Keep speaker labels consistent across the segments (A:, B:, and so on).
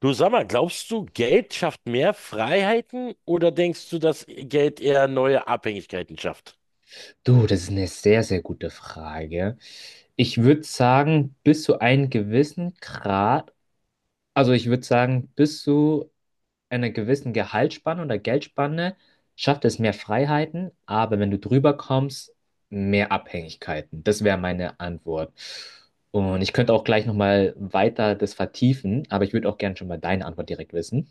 A: Du, sag mal, glaubst du, Geld schafft mehr Freiheiten oder denkst du, dass Geld eher neue Abhängigkeiten schafft?
B: Du, das ist eine sehr, sehr gute Frage. Ich würde sagen, bis zu einem gewissen Grad, also ich würde sagen, bis zu einer gewissen Gehaltsspanne oder Geldspanne schafft es mehr Freiheiten, aber wenn du drüber kommst, mehr Abhängigkeiten. Das wäre meine Antwort. Und ich könnte auch gleich nochmal weiter das vertiefen, aber ich würde auch gerne schon mal deine Antwort direkt wissen.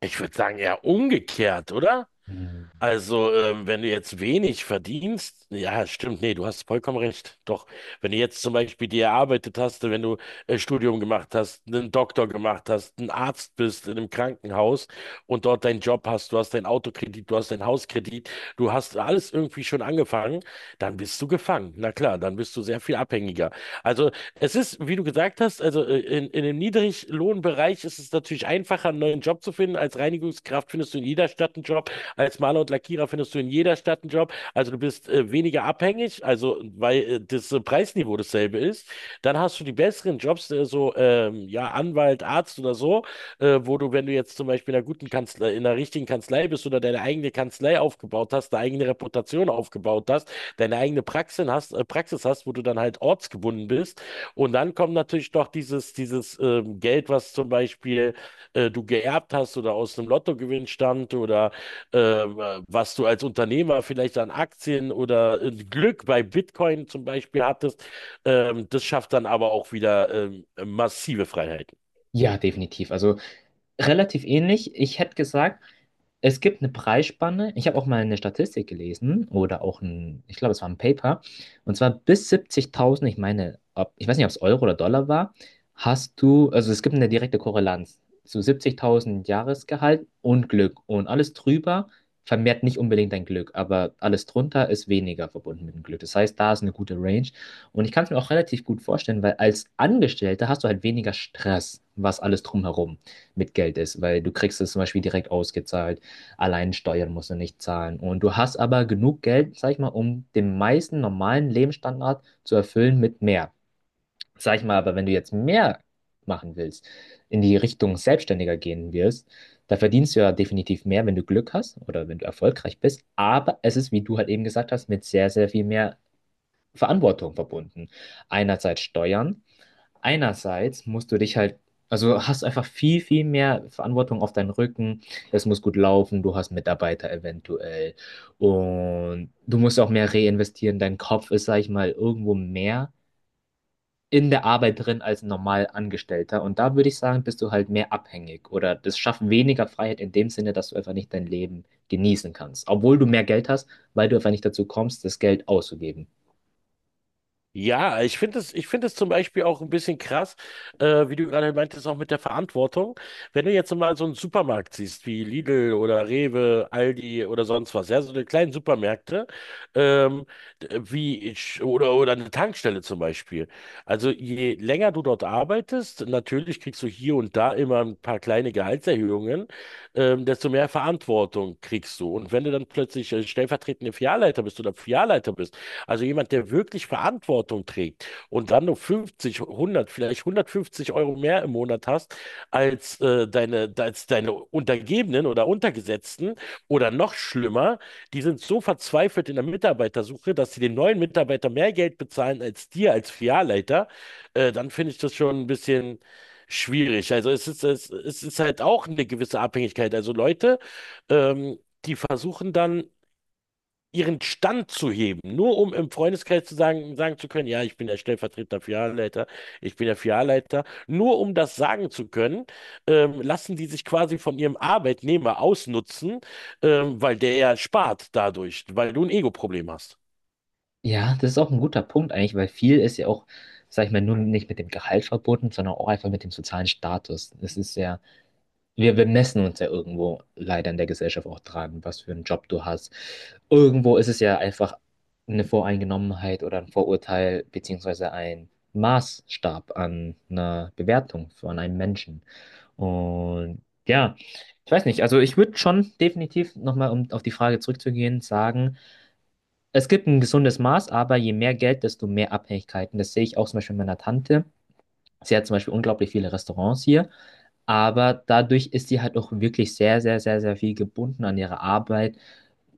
A: Ich würde sagen, eher umgekehrt, oder?
B: Hm.
A: Also, wenn du jetzt wenig verdienst, ja, stimmt, nee, du hast vollkommen recht. Doch, wenn du jetzt zum Beispiel dir erarbeitet hast, wenn du Studium gemacht hast, einen Doktor gemacht hast, ein Arzt bist in einem Krankenhaus und dort deinen Job hast, du hast deinen Autokredit, du hast deinen Hauskredit, du hast alles irgendwie schon angefangen, dann bist du gefangen. Na klar, dann bist du sehr viel abhängiger. Also es ist, wie du gesagt hast, also in dem Niedriglohnbereich ist es natürlich einfacher, einen neuen Job zu finden. Als Reinigungskraft findest du in jeder Stadt einen Job, als Maler und Lackierer findest du in jeder Stadt einen Job. Also du bist weniger abhängig, nicht, also weil das Preisniveau dasselbe ist, dann hast du die besseren Jobs, ja, Anwalt, Arzt oder so, wo du, wenn du jetzt zum Beispiel in einer guten Kanzlei, in einer richtigen Kanzlei bist oder deine eigene Kanzlei aufgebaut hast, deine eigene Reputation aufgebaut hast, deine eigene Praxis hast, wo du dann halt ortsgebunden bist. Und dann kommt natürlich noch dieses Geld, was zum Beispiel du geerbt hast oder aus einem Lottogewinn stammt oder was du als Unternehmer vielleicht an Aktien oder Glück bei Bitcoin zum Beispiel hattest, das schafft dann aber auch wieder massive Freiheiten.
B: Ja, definitiv. Also relativ ähnlich. Ich hätte gesagt, es gibt eine Preisspanne. Ich habe auch mal eine Statistik gelesen oder auch ein, ich glaube, es war ein Paper. Und zwar bis 70.000, ich meine, ob, ich weiß nicht, ob es Euro oder Dollar war, hast du, also es gibt eine direkte Korrelanz zu 70.000 Jahresgehalt und Glück. Und alles drüber vermehrt nicht unbedingt dein Glück, aber alles drunter ist weniger verbunden mit dem Glück. Das heißt, da ist eine gute Range. Und ich kann es mir auch relativ gut vorstellen, weil als Angestellter hast du halt weniger Stress, was alles drumherum mit Geld ist, weil du kriegst es zum Beispiel direkt ausgezahlt, allein Steuern musst du nicht zahlen. Und du hast aber genug Geld, sag ich mal, um den meisten normalen Lebensstandard zu erfüllen mit mehr. Sag ich mal, aber wenn du jetzt mehr machen willst, in die Richtung Selbstständiger gehen wirst, da verdienst du ja definitiv mehr, wenn du Glück hast oder wenn du erfolgreich bist. Aber es ist, wie du halt eben gesagt hast, mit sehr, sehr viel mehr Verantwortung verbunden. Einerseits Steuern, einerseits musst du dich halt, also hast einfach viel, viel mehr Verantwortung auf deinen Rücken. Es muss gut laufen, du hast Mitarbeiter eventuell. Und du musst auch mehr reinvestieren. Dein Kopf ist, sag ich mal, irgendwo mehr in der Arbeit drin als ein normal Angestellter. Und da würde ich sagen, bist du halt mehr abhängig oder das schafft weniger Freiheit in dem Sinne, dass du einfach nicht dein Leben genießen kannst. Obwohl du mehr Geld hast, weil du einfach nicht dazu kommst, das Geld auszugeben.
A: Ja, ich finde es zum Beispiel auch ein bisschen krass, wie du gerade meintest, auch mit der Verantwortung. Wenn du jetzt mal so einen Supermarkt siehst, wie Lidl oder Rewe, Aldi oder sonst was, ja, so eine kleinen Supermärkte, ähm, wie ich, oder eine Tankstelle zum Beispiel. Also je länger du dort arbeitest, natürlich kriegst du hier und da immer ein paar kleine Gehaltserhöhungen, desto mehr Verantwortung kriegst du. Und wenn du dann plötzlich stellvertretende Filialleiter bist oder Filialleiter bist, also jemand, der wirklich Verantwortung trägt und dann nur 50, 100, vielleicht 150 € mehr im Monat hast als als deine Untergebenen oder Untergesetzten oder noch schlimmer, die sind so verzweifelt in der Mitarbeitersuche, dass sie den neuen Mitarbeiter mehr Geld bezahlen als dir als Filialleiter, dann finde ich das schon ein bisschen schwierig. Also es ist halt auch eine gewisse Abhängigkeit. Also Leute, ähm, die versuchen dann ihren Stand zu heben, nur um im Freundeskreis sagen zu können, ja, ich bin der stellvertretende Filialleiter, ich bin der Filialleiter, nur um das sagen zu können, lassen die sich quasi von ihrem Arbeitnehmer ausnutzen, weil der ja spart dadurch, weil du ein Ego-Problem hast.
B: Ja, das ist auch ein guter Punkt eigentlich, weil viel ist ja auch, sag ich mal, nur nicht mit dem Gehalt verbunden, sondern auch einfach mit dem sozialen Status. Es ist ja, wir bemessen uns ja irgendwo leider in der Gesellschaft auch dran, was für einen Job du hast. Irgendwo ist es ja einfach eine Voreingenommenheit oder ein Vorurteil, beziehungsweise ein Maßstab an einer Bewertung von einem Menschen. Und ja, ich weiß nicht, also ich würde schon definitiv nochmal, um auf die Frage zurückzugehen, sagen, es gibt ein gesundes Maß, aber je mehr Geld, desto mehr Abhängigkeiten. Das sehe ich auch zum Beispiel bei meiner Tante. Sie hat zum Beispiel unglaublich viele Restaurants hier, aber dadurch ist sie halt auch wirklich sehr, sehr, sehr, sehr viel gebunden an ihre Arbeit,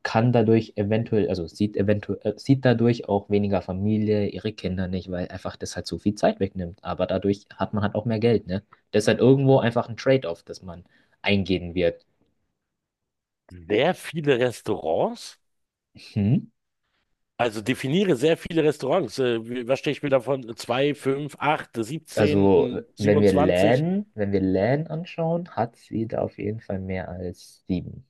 B: kann dadurch eventuell, also sieht eventuell, sieht dadurch auch weniger Familie, ihre Kinder nicht, weil einfach das halt so viel Zeit wegnimmt. Aber dadurch hat man halt auch mehr Geld, ne? Das ist halt irgendwo einfach ein Trade-off, das man eingehen wird.
A: Sehr viele Restaurants,
B: Hm?
A: also definiere sehr viele Restaurants. Wie- was stehe ich mir davon? 2, 5, 8,
B: Also,
A: 17, 27.
B: wenn wir LAN anschauen, hat sie da auf jeden Fall mehr als sieben.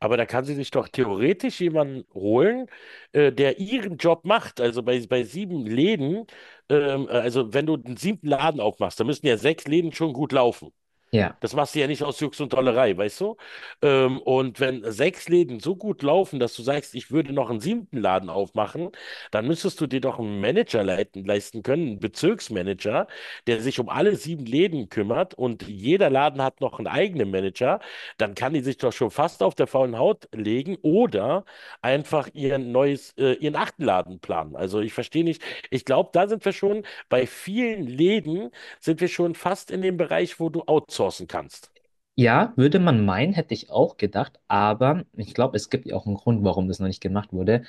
A: Aber da kann sie sich doch theoretisch jemanden holen, der ihren Job macht. Also bei sieben Läden, also wenn du einen siebten Laden aufmachst, dann müssen ja sechs Läden schon gut laufen.
B: Ja.
A: Das machst du ja nicht aus Jux und Dollerei, weißt du? Und wenn sechs Läden so gut laufen, dass du sagst, ich würde noch einen siebten Laden aufmachen, dann müsstest du dir doch einen Manager leisten können, einen Bezirksmanager, der sich um alle sieben Läden kümmert und jeder Laden hat noch einen eigenen Manager. Dann kann die sich doch schon fast auf der faulen Haut legen oder einfach ihren achten Laden planen. Also ich verstehe nicht. Ich glaube, da sind wir schon bei vielen Läden sind wir schon fast in dem Bereich, wo du outsourcen kannst.
B: Ja, würde man meinen, hätte ich auch gedacht, aber ich glaube, es gibt ja auch einen Grund, warum das noch nicht gemacht wurde.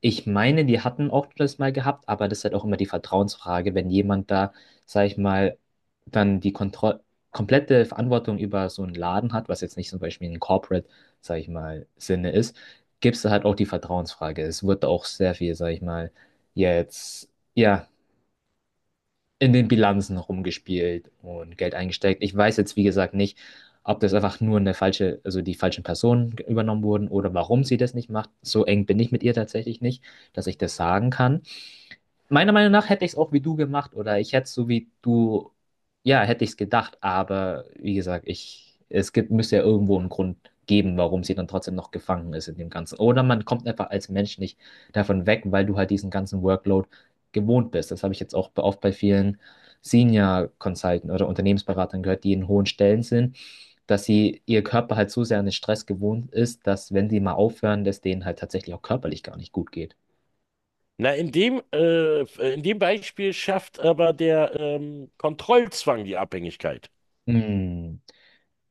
B: Ich meine, die hatten auch das mal gehabt, aber das ist halt auch immer die Vertrauensfrage, wenn jemand da, sag ich mal, dann die Kontroll komplette Verantwortung über so einen Laden hat, was jetzt nicht zum Beispiel ein Corporate, sag ich mal, Sinne ist, gibt es da halt auch die Vertrauensfrage. Es wird auch sehr viel, sag ich mal, jetzt, ja, in den Bilanzen rumgespielt und Geld eingesteckt. Ich weiß jetzt, wie gesagt, nicht, ob das einfach nur eine falsche, also die falschen Personen übernommen wurden oder warum sie das nicht macht. So eng bin ich mit ihr tatsächlich nicht, dass ich das sagen kann. Meiner Meinung nach hätte ich es auch wie du gemacht oder ich hätte es so wie du, ja, hätte ich es gedacht, aber wie gesagt, es gibt, müsste ja irgendwo einen Grund geben, warum sie dann trotzdem noch gefangen ist in dem Ganzen. Oder man kommt einfach als Mensch nicht davon weg, weil du halt diesen ganzen Workload gewohnt bist. Das habe ich jetzt auch oft bei vielen Senior Consultants oder Unternehmensberatern gehört, die in hohen Stellen sind, dass sie ihr Körper halt so sehr an den Stress gewohnt ist, dass wenn sie mal aufhören, dass denen halt tatsächlich auch körperlich gar nicht gut geht.
A: Na, in dem Beispiel schafft aber der Kontrollzwang die Abhängigkeit.
B: Hm,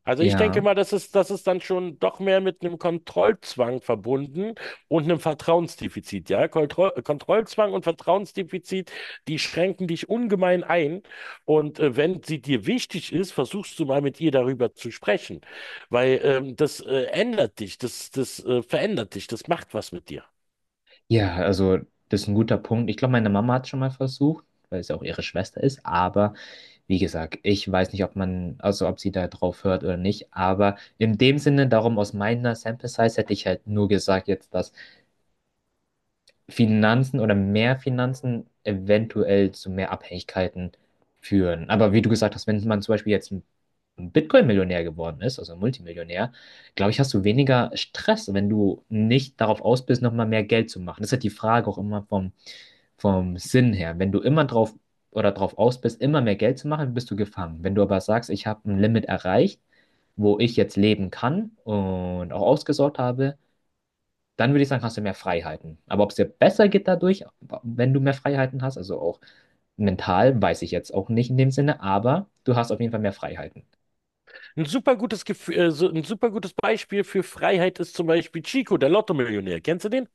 A: Also ich denke
B: ja.
A: mal, das ist dann schon doch mehr mit einem Kontrollzwang verbunden und einem Vertrauensdefizit. Ja? Kontrollzwang und Vertrauensdefizit, die schränken dich ungemein ein. Und wenn sie dir wichtig ist, versuchst du mal mit ihr darüber zu sprechen, weil das ändert dich, das verändert dich, das macht was mit dir.
B: Ja, also das ist ein guter Punkt. Ich glaube, meine Mama hat schon mal versucht, weil es ja auch ihre Schwester ist. Aber wie gesagt, ich weiß nicht, ob man, also ob sie da drauf hört oder nicht. Aber in dem Sinne, darum aus meiner Sample Size hätte ich halt nur gesagt, jetzt, dass Finanzen oder mehr Finanzen eventuell zu mehr Abhängigkeiten führen. Aber wie du gesagt hast, wenn man zum Beispiel jetzt ein Bitcoin-Millionär geworden ist, also ein Multimillionär, glaube ich, hast du weniger Stress, wenn du nicht darauf aus bist, nochmal mehr Geld zu machen. Das ist halt die Frage auch immer vom Sinn her. Wenn du immer drauf oder drauf aus bist, immer mehr Geld zu machen, bist du gefangen. Wenn du aber sagst, ich habe ein Limit erreicht, wo ich jetzt leben kann und auch ausgesorgt habe, dann würde ich sagen, hast du mehr Freiheiten. Aber ob es dir besser geht dadurch, wenn du mehr Freiheiten hast, also auch mental, weiß ich jetzt auch nicht in dem Sinne, aber du hast auf jeden Fall mehr Freiheiten.
A: Ein super gutes Gefühl, so ein super gutes Beispiel für Freiheit ist zum Beispiel Chico, der Lotto-Millionär. Kennst du den?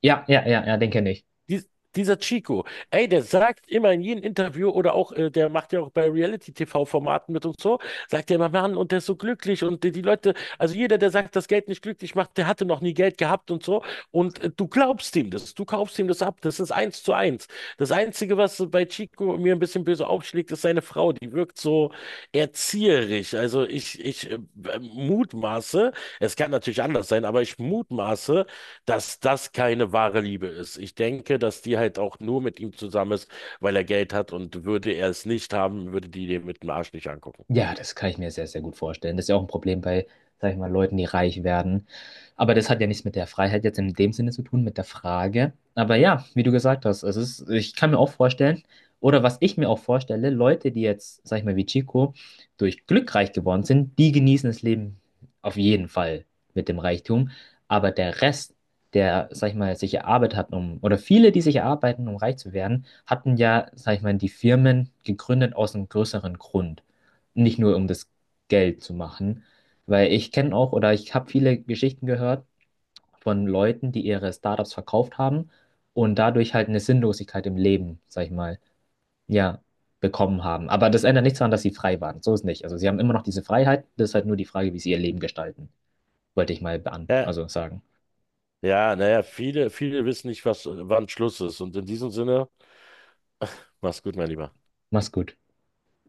B: Ja, ja, ja, ja, den kenne ich.
A: Dies, dieser Chico, ey, der sagt immer in jedem Interview oder auch, der macht ja auch bei Reality-TV-Formaten mit und so, sagt er immer, Mann, und der ist so glücklich und die Leute, also jeder, der sagt, dass Geld nicht glücklich macht, der hatte noch nie Geld gehabt und so. Und du glaubst ihm das, du kaufst ihm das ab, das ist eins zu eins. Das Einzige, was bei Chico mir ein bisschen böse aufschlägt, ist seine Frau, die wirkt so erzieherisch. Also ich mutmaße, es kann natürlich anders sein, aber ich mutmaße, dass das keine wahre Liebe ist. Ich denke, dass die halt auch nur mit ihm zusammen ist, weil er Geld hat und würde er es nicht haben, würde die den mit dem Arsch nicht angucken.
B: Ja, das kann ich mir sehr, sehr gut vorstellen. Das ist ja auch ein Problem bei, sag ich mal, Leuten, die reich werden. Aber das hat ja nichts mit der Freiheit jetzt in dem Sinne zu tun, mit der Frage. Aber ja, wie du gesagt hast, es ist, ich kann mir auch vorstellen, oder was ich mir auch vorstelle, Leute, die jetzt, sag ich mal, wie Chico, durch Glück reich geworden sind, die genießen das Leben auf jeden Fall mit dem Reichtum. Aber der Rest, der, sag ich mal, sich erarbeitet hat, um, oder viele, die sich erarbeiten, um reich zu werden, hatten ja, sag ich mal, die Firmen gegründet aus einem größeren Grund nicht nur um das Geld zu machen, weil ich kenne auch oder ich habe viele Geschichten gehört von Leuten, die ihre Startups verkauft haben und dadurch halt eine Sinnlosigkeit im Leben, sag ich mal, ja, bekommen haben. Aber das ändert nichts daran, dass sie frei waren. So ist nicht. Also sie haben immer noch diese Freiheit. Das ist halt nur die Frage, wie sie ihr Leben gestalten, wollte ich mal
A: Ja,
B: also sagen.
A: ja, naja, viele wissen nicht, was, wann Schluss ist. Und in diesem Sinne, mach's gut, mein Lieber.
B: Mach's gut.